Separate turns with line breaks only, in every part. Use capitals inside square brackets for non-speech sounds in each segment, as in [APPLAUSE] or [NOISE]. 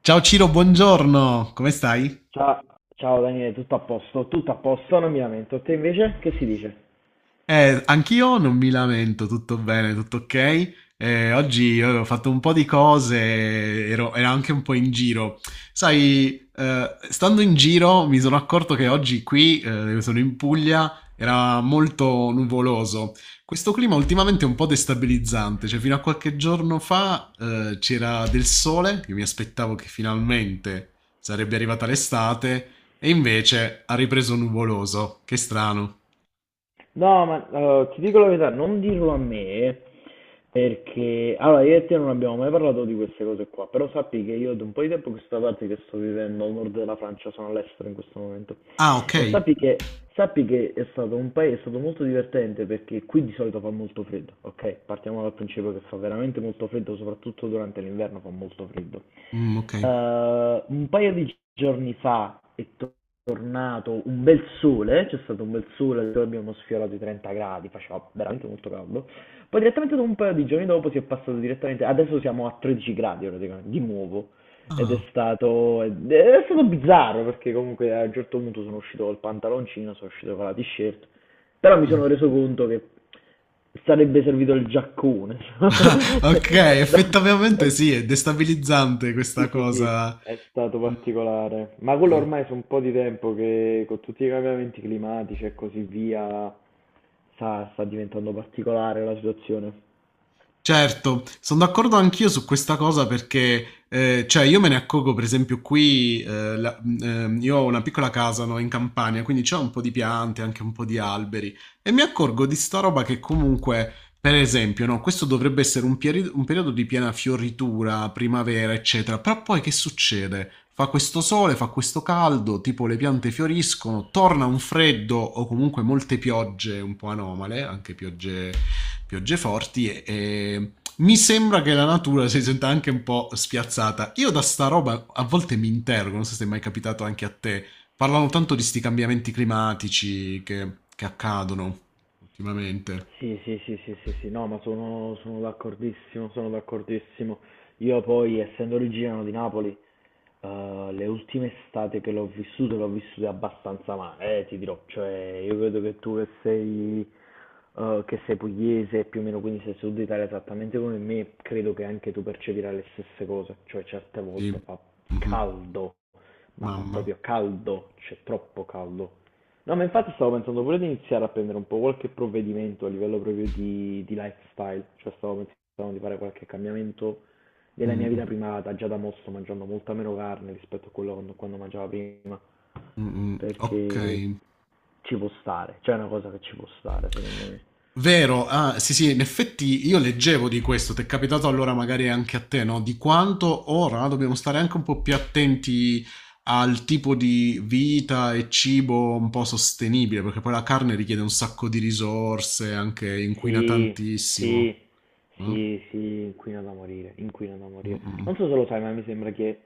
Ciao Ciro, buongiorno, come stai?
Ciao, ciao Daniele, tutto a posto, non mi lamento. Te invece che si dice?
Anch'io non mi lamento, tutto bene, tutto ok. Oggi avevo fatto un po' di cose, ero anche un po' in giro. Sai, stando in giro mi sono accorto che oggi qui, sono in Puglia, era molto nuvoloso. Questo clima ultimamente è un po' destabilizzante, cioè fino a qualche giorno fa, c'era del sole, io mi aspettavo che finalmente sarebbe arrivata l'estate, e invece ha ripreso nuvoloso. Che strano.
No, ma ti dico la verità, non dirlo a me perché allora io e te non abbiamo mai parlato di queste cose qua, però sappi che io da un po' di tempo a questa parte che sto vivendo al nord della Francia, sono all'estero in questo momento.
Ah, ok.
E sappi che è stato un paese, è stato molto divertente perché qui di solito fa molto freddo, ok? Partiamo dal principio che fa veramente molto freddo, soprattutto durante l'inverno fa molto freddo.
Okay.
Un paio di giorni fa tornato un bel sole, c'è stato un bel sole, dove abbiamo sfiorato i 30 gradi, faceva veramente molto caldo. Poi direttamente dopo un paio di giorni dopo si è passato direttamente, adesso siamo a 13 gradi praticamente, di nuovo. Ed è
Ah.
stato, ed è stato bizzarro perché comunque a un certo punto sono uscito col pantaloncino, sono uscito con la t-shirt, però mi
Mh.
sono reso conto che sarebbe servito il giaccone. [LAUGHS] È
Okay,
sta-
effettivamente
è-
sì, è destabilizzante
sì,
questa
sì, sì,
cosa.
è stato
Mh.
particolare, ma quello
Sì.
ormai è un po' di tempo che con tutti i cambiamenti climatici e così via, sta diventando particolare la situazione.
Certo, sono d'accordo anch'io su questa cosa perché, cioè, io me ne accorgo, per esempio, qui, io ho una piccola casa, no, in campagna, quindi c'è un po' di piante, anche un po' di alberi, e mi accorgo di sta roba che comunque, per esempio, no, questo dovrebbe essere un, un periodo di piena fioritura, primavera, eccetera, però poi che succede? Fa questo sole, fa questo caldo, tipo le piante fioriscono, torna un freddo o comunque molte piogge un po' anomale, anche piogge forti e mi sembra che la natura si senta anche un po' spiazzata. Io da sta roba a volte mi interrogo, non so se è mai capitato anche a te, parlano
Sì.
tanto di sti cambiamenti climatici che accadono ultimamente.
Sì, sì, sì, sì, sì, sì, no, ma sono d'accordissimo, sono d'accordissimo. Io poi, essendo originario di Napoli, le ultime estate che l'ho vissute abbastanza male, ti dirò. Cioè, io vedo che tu che sei pugliese, più o meno quindi sei sud Italia esattamente come me, credo che anche tu percepirai le stesse cose. Cioè, certe
Sì.
volte fa
Mhm.
caldo, ma fa
Mamma.
proprio caldo, c'è troppo caldo. No, ma
Sì.
infatti stavo pensando pure di iniziare a prendere un po' qualche provvedimento a livello proprio di lifestyle, cioè stavo pensando di fare qualche cambiamento nella
Mm,
mia vita
mm,
privata, già da mo' sto mangiando molta meno carne rispetto a quello quando mangiavo prima,
mm. Mm. Ok.
perché ci può stare, c'è una cosa che ci può stare, secondo me.
Vero, ah, sì, sì, in effetti io leggevo di questo, ti è capitato allora magari anche a te, no? Di quanto ora dobbiamo stare anche un po' più attenti al tipo di vita e cibo un po' sostenibile, perché poi la carne richiede un sacco di risorse, anche inquina
Sì, sì,
tantissimo. No?
sì, sì, inquina da morire, inquina da
Mm,
morire.
mm,
Non so se lo sai, ma mi sembra che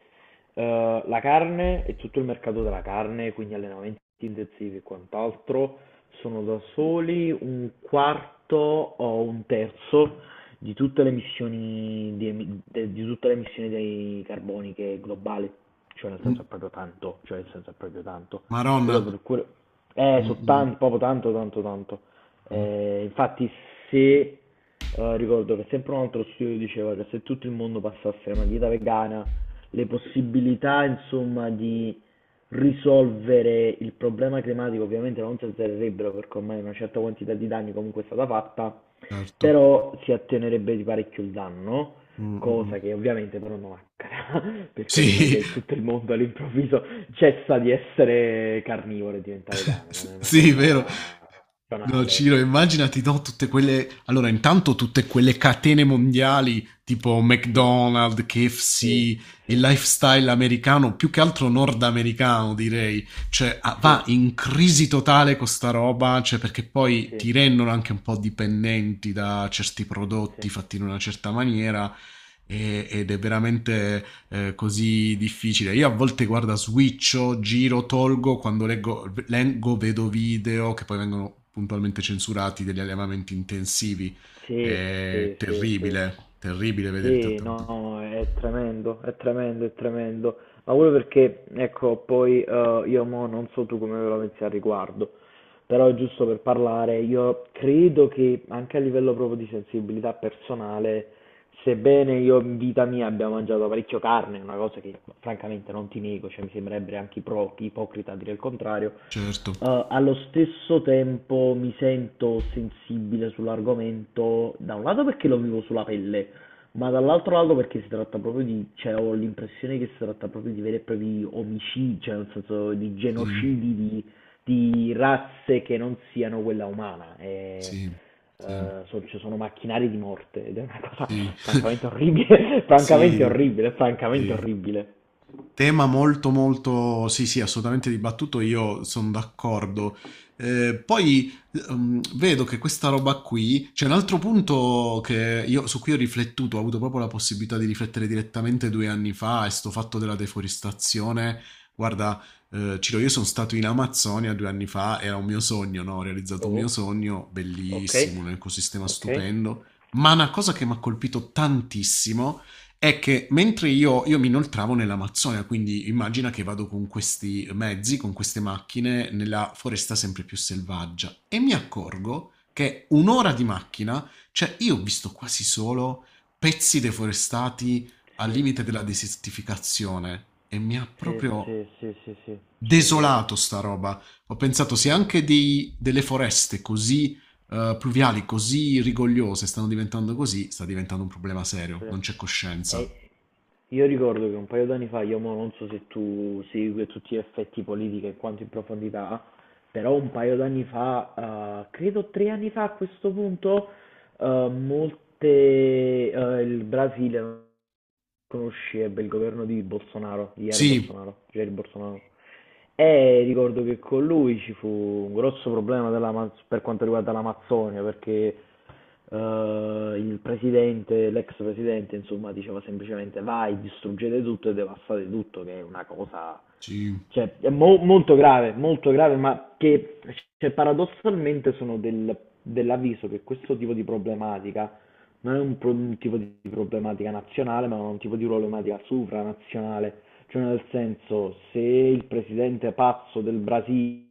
La carne e tutto il mercato della carne, quindi allenamenti sintesi e quant'altro sono da soli un quarto o un terzo di tutte le emissioni di, emi- de- di tutte le emissioni dei carboniche globali, cioè nel senso è
mm.
proprio tanto, cioè nel senso è proprio tanto. Quello
Maronna.
per cui
Mm, mm,
proprio tanto, tanto, tanto.
mm.
Infatti se ricordo che sempre un altro studio diceva che se tutto il mondo passasse a una dieta vegana, le possibilità, insomma, di risolvere il problema climatico ovviamente non si alzerebbero perché ormai una certa quantità di danni comunque è stata fatta,
Certo.
però si attenerebbe di parecchio il danno,
Mm, mm, mm.
cosa che ovviamente però non accadrà, [LAUGHS] perché non è
Sì,
che tutto il mondo all'improvviso cessa di essere carnivoro e diventa vegano, non è
[LAUGHS]
una
sì, vero.
cosa
No,
banale.
Ciro, immaginati, no, tutte quelle... Allora, intanto tutte quelle catene mondiali, tipo
Sì,
McDonald's, KFC,
sì,
il
sì,
lifestyle americano, più che altro nordamericano, direi. Cioè, ah,
sì,
va in crisi totale con sta roba, cioè, perché poi
sì,
ti rendono anche un po' dipendenti da certi prodotti
sì.
fatti in una certa maniera ed è veramente così difficile. Io a volte guarda, switcho, giro, tolgo, quando leggo, vedo video che poi vengono puntualmente censurati degli allevamenti intensivi.
Sì,
È
sì, sì, sì.
terribile, terribile vedere il
Sì,
trattamento.
no, è tremendo, è tremendo, è tremendo. Ma quello perché, ecco, poi io mo non so tu come ve la pensi al riguardo, però giusto per parlare, io credo che anche a livello proprio di sensibilità personale, sebbene io in vita mia abbia mangiato parecchio carne, una cosa che francamente non ti nego, cioè mi sembrerebbe anche ipocrita dire il contrario.
Certo,
Allo stesso tempo mi sento sensibile sull'argomento, da un lato perché lo vivo sulla pelle, ma dall'altro lato perché si tratta proprio di cioè ho l'impressione che si tratta proprio di veri e propri omicidi, cioè nel senso di
sì,
genocidi di razze che non siano quella umana. E,
sì, sì,
so ci sono macchinari di morte ed è una cosa
sì,
[LAUGHS] francamente
[LAUGHS]
orribile, [LAUGHS] francamente
sì,
orribile, francamente
sì.
orribile.
Tema molto molto, sì sì, assolutamente dibattuto, io sono d'accordo. Poi vedo che questa roba qui, c'è un altro punto che io, su cui ho riflettuto, ho avuto proprio la possibilità di riflettere direttamente due anni fa, è sto fatto della deforestazione. Guarda, Ciro, io sono stato in Amazzonia due anni fa, era un mio sogno, no? Ho realizzato un mio
Oh,
sogno,
okay,
bellissimo, un ecosistema
okay,
stupendo, ma una cosa che mi ha colpito tantissimo è che mentre io mi inoltravo nell'Amazzonia, quindi immagina che vado con questi mezzi, con queste macchine, nella foresta sempre più selvaggia e mi accorgo che un'ora di macchina, cioè io ho visto quasi solo pezzi deforestati al
sì.
limite della desertificazione e mi ha
Sì,
proprio
sì, sì, sì, sì, ci credo,
desolato sta roba. Ho pensato
ci
se
credo.
anche delle foreste così pluviali, così rigogliose stanno diventando così, sta diventando un problema serio,
Sì.
non c'è
E
coscienza.
io ricordo che un paio d'anni fa, io mo non so se tu segui tutti gli effetti politiche e quanto in profondità, però un paio d'anni fa, credo tre anni fa a questo punto, eh, molte, il Brasile conoscebbe il governo di Bolsonaro, di
Sì,
Jair Bolsonaro. E ricordo che con lui ci fu un grosso problema per quanto riguarda l'Amazzonia, perché il presidente, l'ex presidente, insomma, diceva semplicemente vai, distruggete tutto e devastate tutto, che è una cosa
sì,
cioè, è molto grave, ma che cioè, paradossalmente sono dell'avviso che questo tipo di problematica non è un, un tipo di problematica nazionale, ma è un tipo di problematica supranazionale. Cioè, nel senso, se il presidente pazzo del Brasile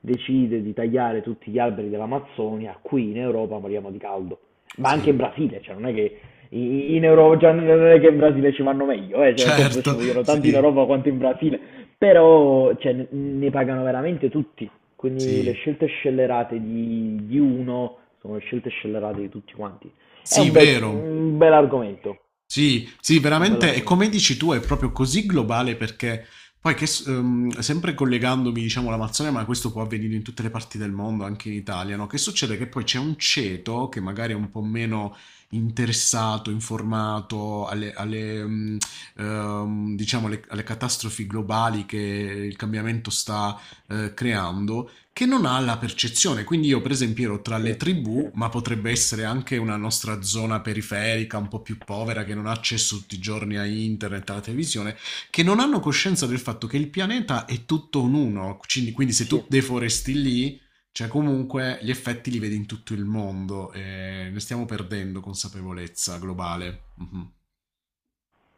decide di tagliare tutti gli alberi dell'Amazzonia, qui in Europa moriamo di caldo. Ma anche in
sì,
Brasile, cioè non è che in Europa, già non è che in Brasile ci vanno meglio, cioè nel senso ci
certo,
vogliono tanti in
sì,
Europa quanto in Brasile, però cioè, ne pagano veramente tutti. Quindi le
sì,
scelte scellerate di uno sono le scelte scellerate di tutti quanti. È
sì, vero.
un bel argomento,
Sì, sì,
è un bel
veramente, e come
argomento.
dici tu, è proprio così globale perché poi che, sempre collegandomi, diciamo, all'Amazzonia, ma questo può avvenire in tutte le parti del mondo, anche in Italia, no? Che succede? Che poi c'è un ceto che magari è un po' meno interessato, informato diciamo, alle catastrofi globali che il cambiamento sta creando, che non ha la percezione. Quindi io per esempio ero tra
Sì,
le
sì,
tribù, ma potrebbe essere anche una nostra zona periferica, un po' più povera, che non ha accesso tutti i giorni a internet, alla televisione, che non hanno coscienza del fatto che il pianeta è tutto un uno. Quindi, quindi se
sì.
tu deforesti lì, cioè comunque gli effetti li vedi in tutto il mondo e ne stiamo perdendo consapevolezza globale. Mhm.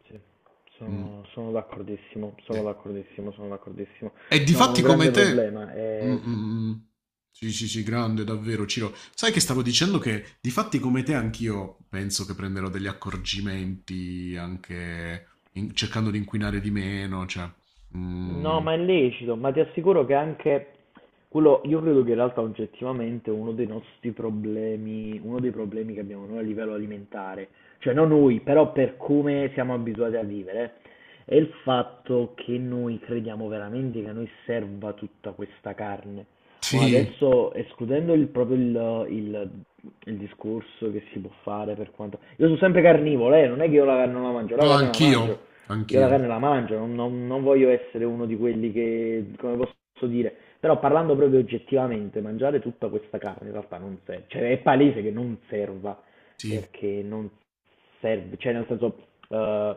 Sì,
Mm,
sono d'accordissimo, sono
sì.
d'accordissimo, sono d'accordissimo.
E
No, ma
difatti
un grande
come te...
problema
Mm,
è
mm, mm. Sì, sì, sì, grande, davvero, Ciro. Sai che stavo dicendo che difatti come te anch'io penso che prenderò degli accorgimenti anche cercando di inquinare di meno, cioè...
No,
mm,
ma è lecito, ma ti assicuro che anche quello, io credo che in realtà oggettivamente uno dei nostri problemi, uno dei problemi che abbiamo noi a livello alimentare, cioè non noi, però per come siamo abituati a vivere, è il fatto che noi crediamo veramente che a noi serva tutta questa carne. Ma
sì,
adesso, escludendo il, proprio il discorso che si può fare per quanto... Io sono sempre carnivoro, non è che io la carne non la mangio, la
no,
carne la mangio,
anch'io,
io la
anch'io.
carne la mangio, non voglio essere uno di quelli che, come posso dire, però parlando proprio oggettivamente, mangiare tutta questa carne in realtà non serve, cioè è palese che non serva,
Sì,
perché non serve, cioè nel senso, eh,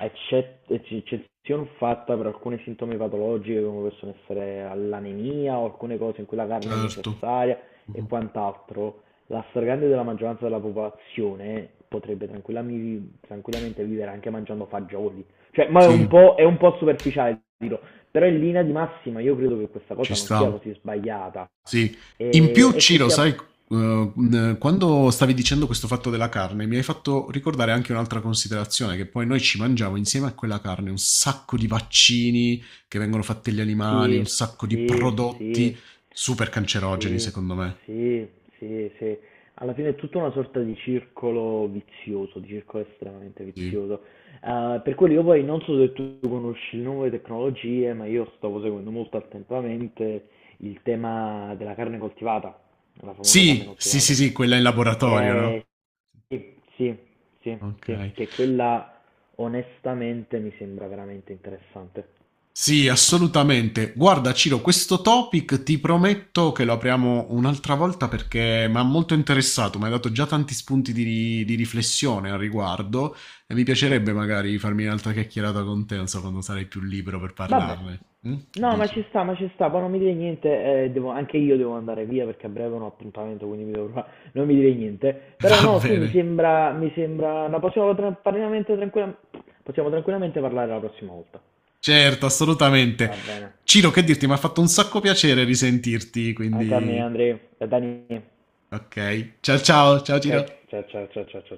eccezione fatta per alcune sintomi patologiche come possono essere l'anemia o alcune cose in cui la carne è
certo.
necessaria e
Mhm.
quant'altro, la stragrande della maggioranza della popolazione potrebbe tranquillamente vivere anche mangiando fagioli cioè, ma
Sì,
è un po' superficiale, dirò. Però in linea di massima io credo che questa cosa
ci
non sia
sta.
così sbagliata.
Sì. In
E,
più,
e che
Ciro,
sia...
sai, quando stavi dicendo questo fatto della carne, mi hai fatto ricordare anche un'altra considerazione, che poi noi ci mangiamo insieme a quella carne un sacco di vaccini che vengono fatti agli animali, un
Sì,
sacco di
sì, sì,
prodotti super cancerogeni,
sì,
secondo me.
sì, sì, sì. Alla fine è tutta una sorta di circolo vizioso, di circolo estremamente
Sì,
vizioso. Per quello io poi non so se tu conosci le nuove tecnologie, ma io stavo seguendo molto attentamente il tema della carne coltivata, la famosa carne
sì, sì,
coltivata.
sì, sì, quella in laboratorio, no?
E Sì, sì, sì,
Ok.
sì, che quella onestamente mi sembra veramente interessante.
Sì, assolutamente. Guarda, Ciro, questo topic ti prometto che lo apriamo un'altra volta perché mi ha molto interessato, mi hai dato già tanti spunti di, di riflessione al riguardo e mi
Ok.
piacerebbe magari farmi un'altra chiacchierata con te, non so, quando sarai più libero per
Vabbè,
parlarne. Mm? Che
no,
dici?
ma ci sta, poi non mi dire niente, anche io devo andare via perché a breve ho un appuntamento, quindi mi devo preparare. Non mi dire niente.
[LAUGHS]
Però
Va
no, sì,
bene.
mi sembra, no, possiamo possiamo tranquillamente parlare la prossima volta.
Certo, assolutamente.
Va bene.
Ciro, che dirti, mi ha fatto un sacco piacere risentirti,
Anche a me,
quindi...
Andrea, da Dani.
Ok. Ciao ciao, ciao
Ok?
Ciro.
Ciao, ciao, ciao, ciao, ciao.